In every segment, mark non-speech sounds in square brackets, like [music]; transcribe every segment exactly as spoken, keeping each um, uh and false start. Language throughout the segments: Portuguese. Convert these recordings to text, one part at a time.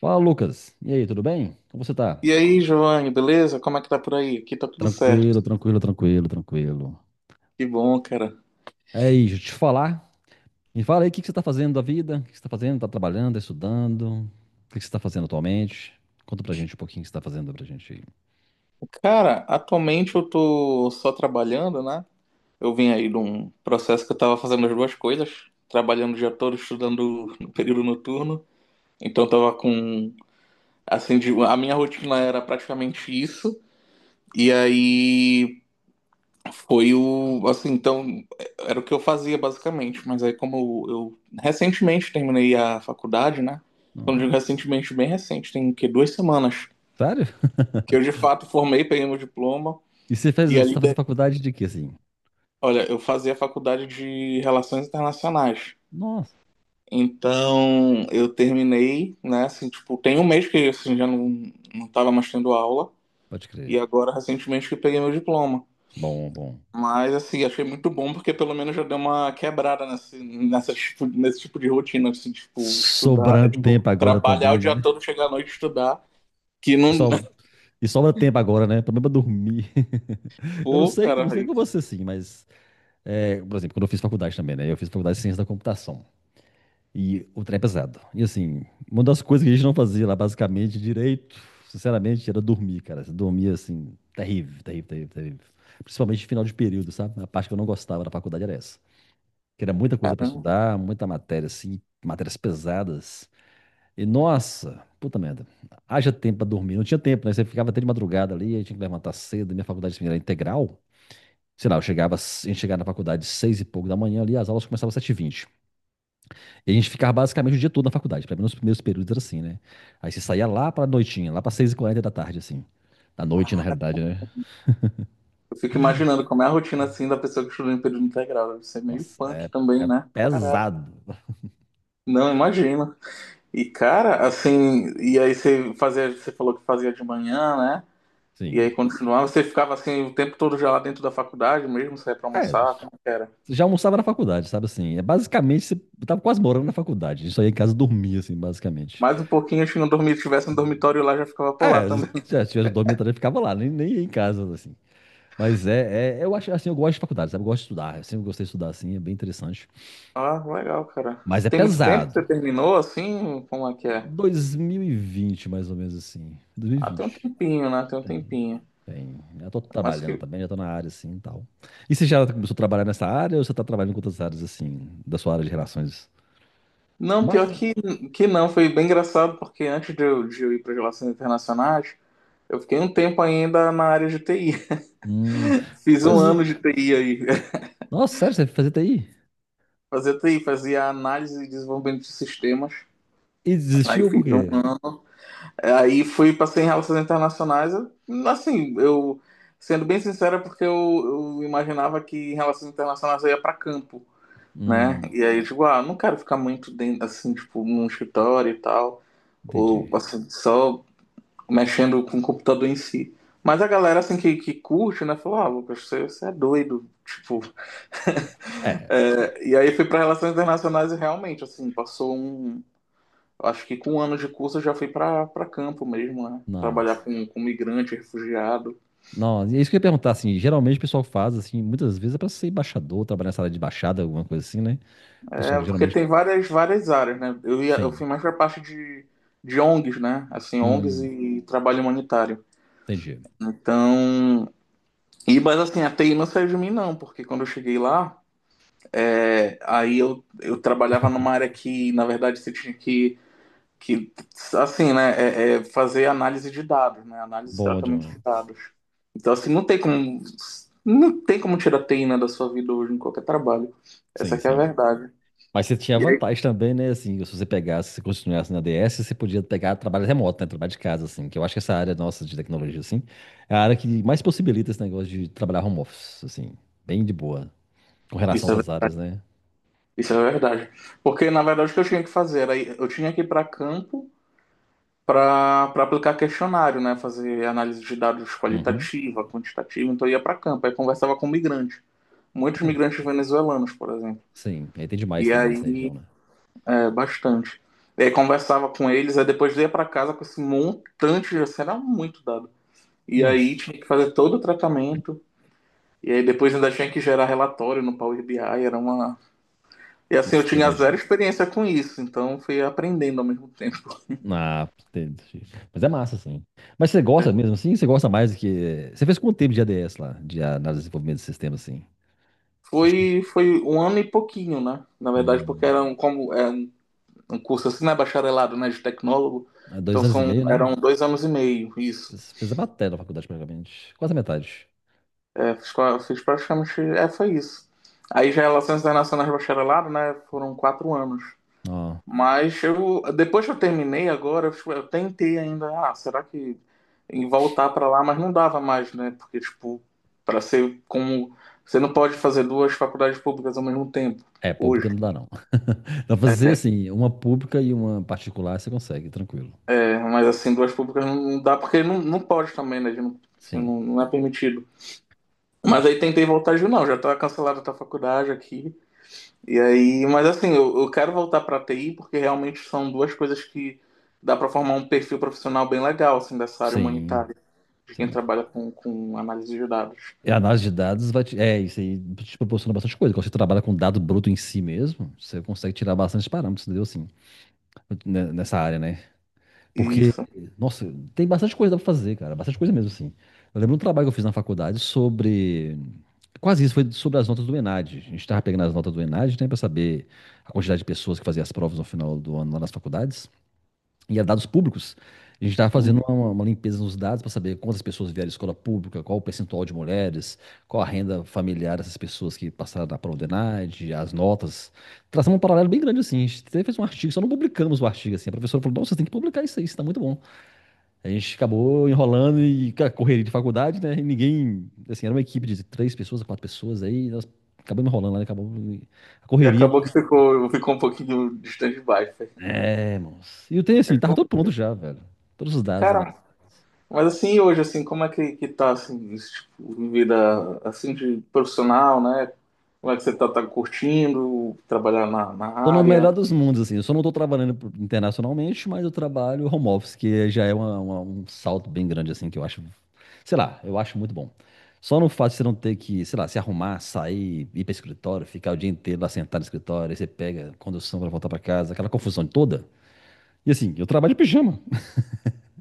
Fala, Lucas. E aí, tudo bem? Como você tá? E aí, Giovanni, beleza? Como é que tá por aí? Aqui tá tudo certo. Tranquilo, tranquilo, tranquilo, tranquilo. Que bom, cara. É isso, deixa eu te falar. Me fala aí o que que você tá fazendo da vida, o que que você tá fazendo, tá trabalhando, tá estudando, o que que você tá fazendo atualmente? Conta pra gente um pouquinho o que você tá fazendo pra gente aí. Cara, atualmente eu tô só trabalhando, né? Eu vim aí de um processo que eu tava fazendo as duas coisas, trabalhando o dia todo, estudando no período noturno. Então eu tava com, assim, de- a minha rotina era praticamente isso. E aí, Foi o, assim, então, era o que eu fazia basicamente, mas aí como eu recentemente terminei a faculdade, né? Quando eu digo Não. recentemente, bem recente, tem o quê? Duas semanas Sério? que eu [laughs] de fato formei, peguei meu diploma E você fez, e você ali, tá fazendo de- faculdade de quê, assim? olha, eu fazia a faculdade de Relações Internacionais. Nossa, Então, eu terminei, né, assim, tipo, tem um mês que assim já não não tava mais tendo aula pode e crer. agora recentemente que peguei meu diploma. Bom, bom. Mas assim, achei muito bom porque pelo menos já deu uma quebrada nesse, nessa, tipo- nesse tipo de rotina, assim, tipo, estudar, é, Sobrando tipo, tempo agora trabalhar também, o dia né? todo, chegar à noite e estudar, que E, não. so- [laughs] e sobra tempo agora, né? Problema é dormir. [laughs] Eu não Pô, sei, cara, não sei aí, com você sim, mas é, por exemplo, quando eu fiz faculdade também, né? Eu fiz faculdade de ciência da computação. E o trem é pesado. E assim, uma das coisas que a gente não fazia lá, basicamente, direito, sinceramente, era dormir, cara. Você dormia assim, terrível, terrível, terrível, terrível. Principalmente no final de período, sabe? A parte que eu não gostava da faculdade era essa. Que era muita coisa pra caramba, estudar, muita matéria, assim, matérias pesadas. E nossa, puta merda. Haja tempo pra dormir. Não tinha tempo, né? Você ficava até de madrugada ali, aí tinha que levantar cedo. Minha faculdade assim, era integral. Sei lá, eu chegava, a gente chegava na faculdade seis e pouco da manhã ali, as aulas começavam às sete e vinte. E a gente ficava basicamente o dia todo na faculdade, pelo menos nos primeiros períodos era assim, né? Aí você saía lá pra noitinha, lá pra seis e quarenta da tarde, assim. Da noite, na realidade, né? eu fico imaginando como é a rotina assim da pessoa que estuda em período integral. Deve ser meio Nossa, punk é, também, é né? Caraca, pesado. não imagino. E cara, assim, e aí você fazia, você falou que fazia de manhã, né? E Sim, aí quando continuava, você ficava assim o tempo todo já lá dentro da faculdade mesmo, saía pra é, almoçar, como é que era? você já almoçava na faculdade, sabe assim? É basicamente, você tava quase morando na faculdade. A gente só ia em casa dormir, assim, basicamente. Mais um pouquinho, acho que não dormi, se tivesse um dormitório lá, já ficava por lá É, se também. [laughs] já tivesse dormido também, ficava lá, nem, nem ia em casa, assim. Mas é, é- eu acho assim, eu gosto de faculdade, sabe? Eu gosto de estudar, eu sempre gostei de estudar, assim, é bem interessante. Ah, legal, cara. Mas é Tem muito tempo que você pesado. terminou assim? Como é que é? dois mil e vinte, mais ou menos assim. Ah, tem um dois mil e vinte. tempinho, né? Tem um Tem, tempinho. tem. Já tô Mas trabalhando que. também, já tô na área assim e tal. E você já começou a trabalhar nessa área ou você tá trabalhando com outras áreas assim, da sua área de relações? Não, Mas, pior que, que não. Foi bem engraçado, porque antes de eu, de eu ir para Relações Internacionais, eu fiquei um tempo ainda na área de T I. hum, [laughs] Fiz pois, um ano de T I aí. nossa, sério, você fazia T I? [laughs] Fazia T I, fazia análise e desenvolvimento de sistemas. E Aí desistiu fiz por um quê? ano. Aí fui, passei em relações internacionais. eu- Assim, eu, sendo bem sincero, é porque eu, eu imaginava que em relações internacionais eu ia para campo, né? Hum, E aí, tipo, ah, não quero ficar muito dentro, assim, tipo, num escritório e tal, ou Entendi. assim, só mexendo com o computador em si. Mas a galera, assim, que, que curte, né, falou, ah, Lucas, você, você é doido, tipo. [laughs] É, é, E aí fui para relações internacionais e realmente, assim, passou um eu acho que com um ano de curso eu já fui para para campo mesmo, né? Trabalhar nossa. com, com migrante, refugiado. Não, é isso que eu ia perguntar, assim, geralmente o pessoal faz, assim, muitas vezes é pra ser embaixador, trabalhar nessa área de embaixada, alguma coisa assim, né? O pessoal É, que porque geralmente, tem várias, várias áreas, né? Eu ia, eu sim. fui mais para parte de, de ONGs, né? Assim, ONGs Hum, e trabalho humanitário. Entendi. Então, e mas assim, a T I não saiu de mim não, porque quando eu cheguei lá, é aí eu, eu trabalhava numa área que, na verdade, você tinha que que assim, né, é, é fazer análise de dados, né, análise e Bom tratamento de demais. dados. Então, assim, não tem como, não tem como tirar teína da sua vida hoje em qualquer trabalho. Essa Sim, que é a sim. verdade. Mas você tinha E aí, vantagem também, né? Assim, se você pegasse, se continuasse na D S, você podia pegar trabalho remoto, né? Trabalho de casa, assim. Que eu acho que essa área nossa de tecnologia, assim, é a área que mais possibilita esse negócio de trabalhar home office, assim. Bem de boa. Com relação a isso é outras verdade. áreas, né? Isso é verdade. Porque, na verdade, o que eu tinha que fazer era, ir- eu tinha que ir para campo para para aplicar questionário, né, fazer análise de dados Uhum. qualitativa, quantitativa, então eu ia para campo, aí conversava com migrante muitos Não, migrantes venezuelanos, por exemplo. sim, aí tem demais E também nessa aí região, né? é, bastante. E aí conversava com eles, aí depois ia pra casa com esse montante de assim, era muito dado. E aí Nossa. tinha que fazer todo o tratamento, e aí depois ainda tinha que gerar relatório no Power B I, era uma. E assim, eu Nossa, até tinha zero imagino. experiência com isso, então fui aprendendo ao mesmo tempo. Ah, entendi. Mas é massa, assim. Mas você gosta mesmo, assim? Você gosta mais do que... Você fez quanto tempo de A D S lá? De análise de desenvolvimento de sistema, assim? Você... chegou- Foi, foi um ano e pouquinho, né? Na verdade, porque Hum. era um, como, é um um curso assim, né? Bacharelado, né? De tecnólogo. Há dois Então anos e são, meio, né? eram dois anos e meio, isso. Fiz, fiz a matéria da faculdade, praticamente. Quase a metade. É, fiz, pra- fiz praticamente. É, foi isso. Aí já Relações Internacionais Bacharelado, né? Foram quatro anos. Ó, Mas eu, depois que eu terminei agora, eu, tipo, eu tentei ainda, ah, será que em voltar para lá, mas não dava mais, né? Porque, tipo, para ser como. Você não pode fazer duas faculdades públicas ao mesmo tempo, é, pública hoje. não dá, não. [laughs] Dá pra fazer, É, assim, uma pública e uma particular, você consegue, tranquilo. é, mas assim, duas públicas não não dá, porque não, não pode também, né? a gente Não, assim, Sim, não, não é permitido. Mas aí isso. tentei voltar e digo, não, já tá cancelada a tua faculdade aqui. E aí, mas assim, eu, eu quero voltar para T I porque realmente são duas coisas que dá para formar um perfil profissional bem legal, assim, dessa área Sim, humanitária, de quem sim. trabalha com, com análise de dados. E a análise de dados vai te... É, isso aí te proporciona bastante coisa. Quando você trabalha com dado bruto em si mesmo, você consegue tirar bastante parâmetros, entendeu? Assim, né, nessa área, né? Porque, Isso. nossa, tem bastante coisa pra fazer, cara. Bastante coisa mesmo, assim. Eu lembro um trabalho que eu fiz na faculdade sobre. Quase isso, foi sobre as notas do ENAD. A gente tava pegando as notas do ENAD, né, pra saber a quantidade de pessoas que faziam as provas no final do ano lá nas faculdades. E era dados públicos. A gente tava fazendo uma, uma limpeza nos dados pra saber quantas pessoas vieram à escola pública, qual o percentual de mulheres, qual a renda familiar dessas pessoas que passaram na prova do ENAD, as notas. Traçamos um paralelo bem grande, assim. A gente até fez um artigo, só não publicamos o artigo, assim. A professora falou: não, vocês têm que publicar isso aí, isso tá muito bom. A gente acabou enrolando e cara, correria de faculdade, né? E ninguém, assim, era uma equipe de três pessoas, quatro pessoas aí, nós acabamos enrolando lá, né? Acabou a E correria acabou não. que ficou, ficou um pouquinho distante de baixo. É, moço. E o tenho assim, tava todo pronto já, velho. Todos os dados. Cara, mas assim, e hoje, assim, como é que, que tá, assim, esse tipo, de vida, assim, de profissional, né? Como é que você tá, tá curtindo trabalhar na, na Tô no área? melhor dos mundos, assim. Eu só não tô trabalhando por- internacionalmente, mas eu trabalho home office, que já é uma- uma- um salto bem grande, assim, que eu acho, sei lá, eu acho muito bom. Só no fato de você não ter que, sei lá, se arrumar, sair, ir para escritório, ficar o dia inteiro lá sentado no escritório, aí você pega condução para voltar para casa, aquela confusão toda. E assim, eu trabalho de pijama.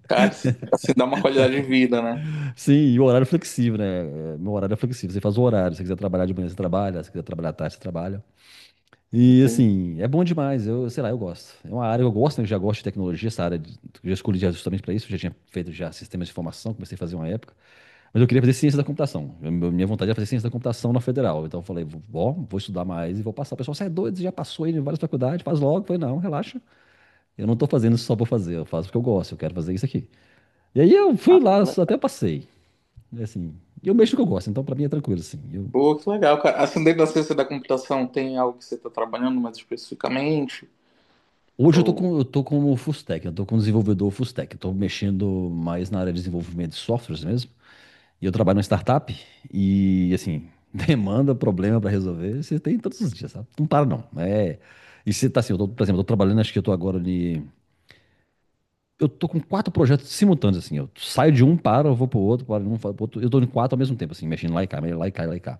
Cara, isso, assim, dá uma qualidade de vida, né? [laughs] Sim, e o horário é flexível, né? É, meu horário é flexível. Você faz o horário. Se você quiser trabalhar de manhã, você trabalha. Se quiser trabalhar à tarde, você trabalha. E Entendi. assim, é bom demais. Eu, sei lá, eu gosto. É uma área que eu gosto, né? Eu já gosto de tecnologia, essa área. De- eu já escolhi já justamente para isso. Eu já tinha feito já sistemas de informação, comecei a fazer uma época. Mas eu queria fazer ciência da computação. Eu- meu- Minha vontade era fazer ciência da computação na federal. Então eu falei, vou, vou estudar mais e vou passar. O pessoal, você é doido, você já passou aí em várias faculdades, faz logo. Eu falei, não, relaxa. Eu não tô fazendo isso só pra fazer, eu faço porque eu gosto, eu quero fazer isso aqui. E aí eu fui lá, só até passei. E, assim, eu mexo no que eu gosto, então pra mim é tranquilo, assim. Eu Pô, que legal, cara. Assim, dentro da ciência da computação tem algo que você está trabalhando mais especificamente? Hoje eu tô Ou... com, eu tô como full stack, eu tô como desenvolvedor full stack. Eu tô mexendo mais na área de desenvolvimento de softwares mesmo. E eu trabalho numa startup e, assim, [laughs] demanda, problema pra resolver, você tem todos os dias, sabe? Não para não. É... E você tá assim, eu tô, por exemplo, eu tô trabalhando, acho que eu tô agora ali... Eu tô com quatro projetos simultâneos, assim. Eu saio de um, paro, eu vou pro outro, paro de um, vou pro outro. Eu tô em quatro ao mesmo tempo, assim, mexendo lá e cá, lá e cá, lá e cá.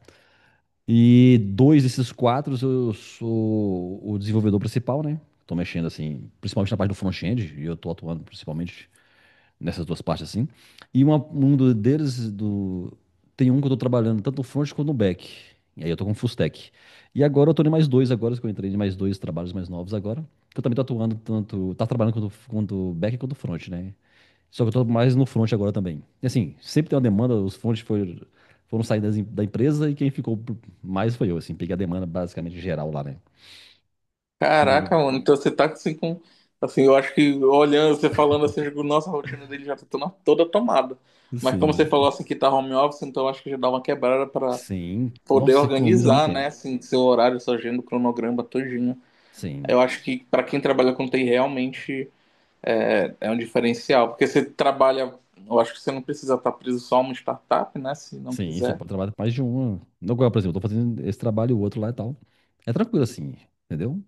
E dois desses quatro eu sou o desenvolvedor principal, né? Tô mexendo assim, principalmente na parte do front-end, e eu tô atuando principalmente nessas duas partes assim. E uma, um do- deles do tem um que eu tô trabalhando tanto no front quanto no back. E aí eu tô com full stack. E agora eu tô em mais dois agora, que eu entrei em mais dois trabalhos mais novos agora, que eu também tô atuando tanto, tá trabalhando quanto quanto back quanto front, né? Só que eu tô mais no front agora também. E assim, sempre tem uma demanda, os fronts foram, foram sair das em- da empresa e quem ficou por- mais foi eu, assim. Peguei a demanda basicamente geral lá, né? E, Caraca, mano, então você tá assim com. Assim, eu acho que olhando, você falando assim, eu digo, nossa, a rotina dele já tá toda toda tomada. Mas como você sim, falou assim que tá home office, então eu acho que já dá uma quebrada para sim. poder Nossa, você economiza muito organizar, né? tempo. Assim, seu horário, sua agenda, o cronograma todinho. Sim, Eu acho que para quem trabalha com T I realmente é, é um diferencial. Porque você trabalha, eu acho que você não precisa estar preso só a uma startup, né? Se não sim. Você quiser. pode trabalhar com mais de uma. Agora, por exemplo, eu tô fazendo esse trabalho e o outro lá e tal. É tranquilo assim, entendeu?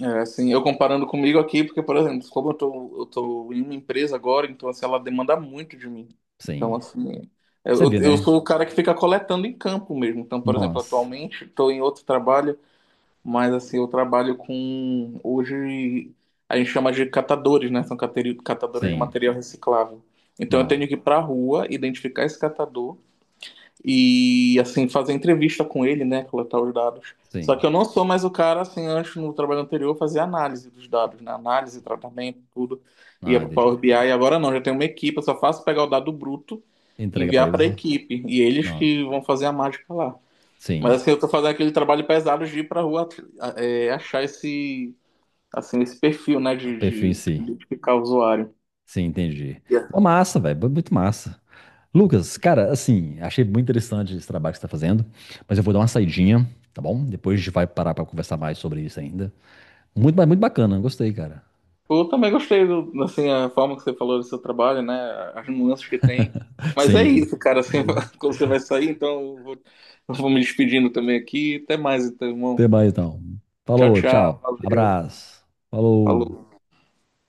É, assim, eu comparando comigo aqui, porque, por exemplo, como eu tô, eu tô em uma empresa agora, então, assim, ela demanda muito de mim. Então, Sim. assim, é, Você eu, vê, eu né? sou o cara que fica coletando em campo mesmo. Então, por exemplo, Nossa. atualmente estou em outro trabalho, mas, assim, eu trabalho com, hoje, a gente chama de catadores, né? São cateri- catadores de Sim. material reciclável. Então, eu Não. tenho que ir pra rua, identificar esse catador, e assim fazer entrevista com ele, né, coletar os dados. Só Sim. que eu não sou mais o cara assim antes no trabalho anterior fazer análise dos dados, né, análise, tratamento, tudo, ia Ah, para o entendi. Power B I. E agora não, já tenho uma equipe, eu só faço pegar o dado bruto, Entrega pra enviar para eles. a equipe e eles Nossa. que vão fazer a mágica lá. Sim. Mas assim eu tô fazendo aquele trabalho pesado de ir para rua é, achar esse assim esse perfil, né, O de, perfil de, em de si. identificar o usuário. Sim, entendi. Uma massa, velho, muito massa. Lucas, cara, assim, achei muito interessante esse trabalho que você tá fazendo, mas eu vou dar uma saidinha, tá bom? Depois a gente vai parar pra conversar mais sobre isso ainda. Muito, ba- muito bacana, gostei, cara. Eu também gostei do, assim, a forma que você falou do seu trabalho, né? As nuances que tem. [laughs] Mas é Sim. isso, cara. Assim, É, [laughs] quando você vai sair, então eu vou, eu vou me despedindo também aqui. Até mais, então, irmão. até mais então. Tchau, Falou, tchau. tchau. Valeu. Abraço. Falou. Falou.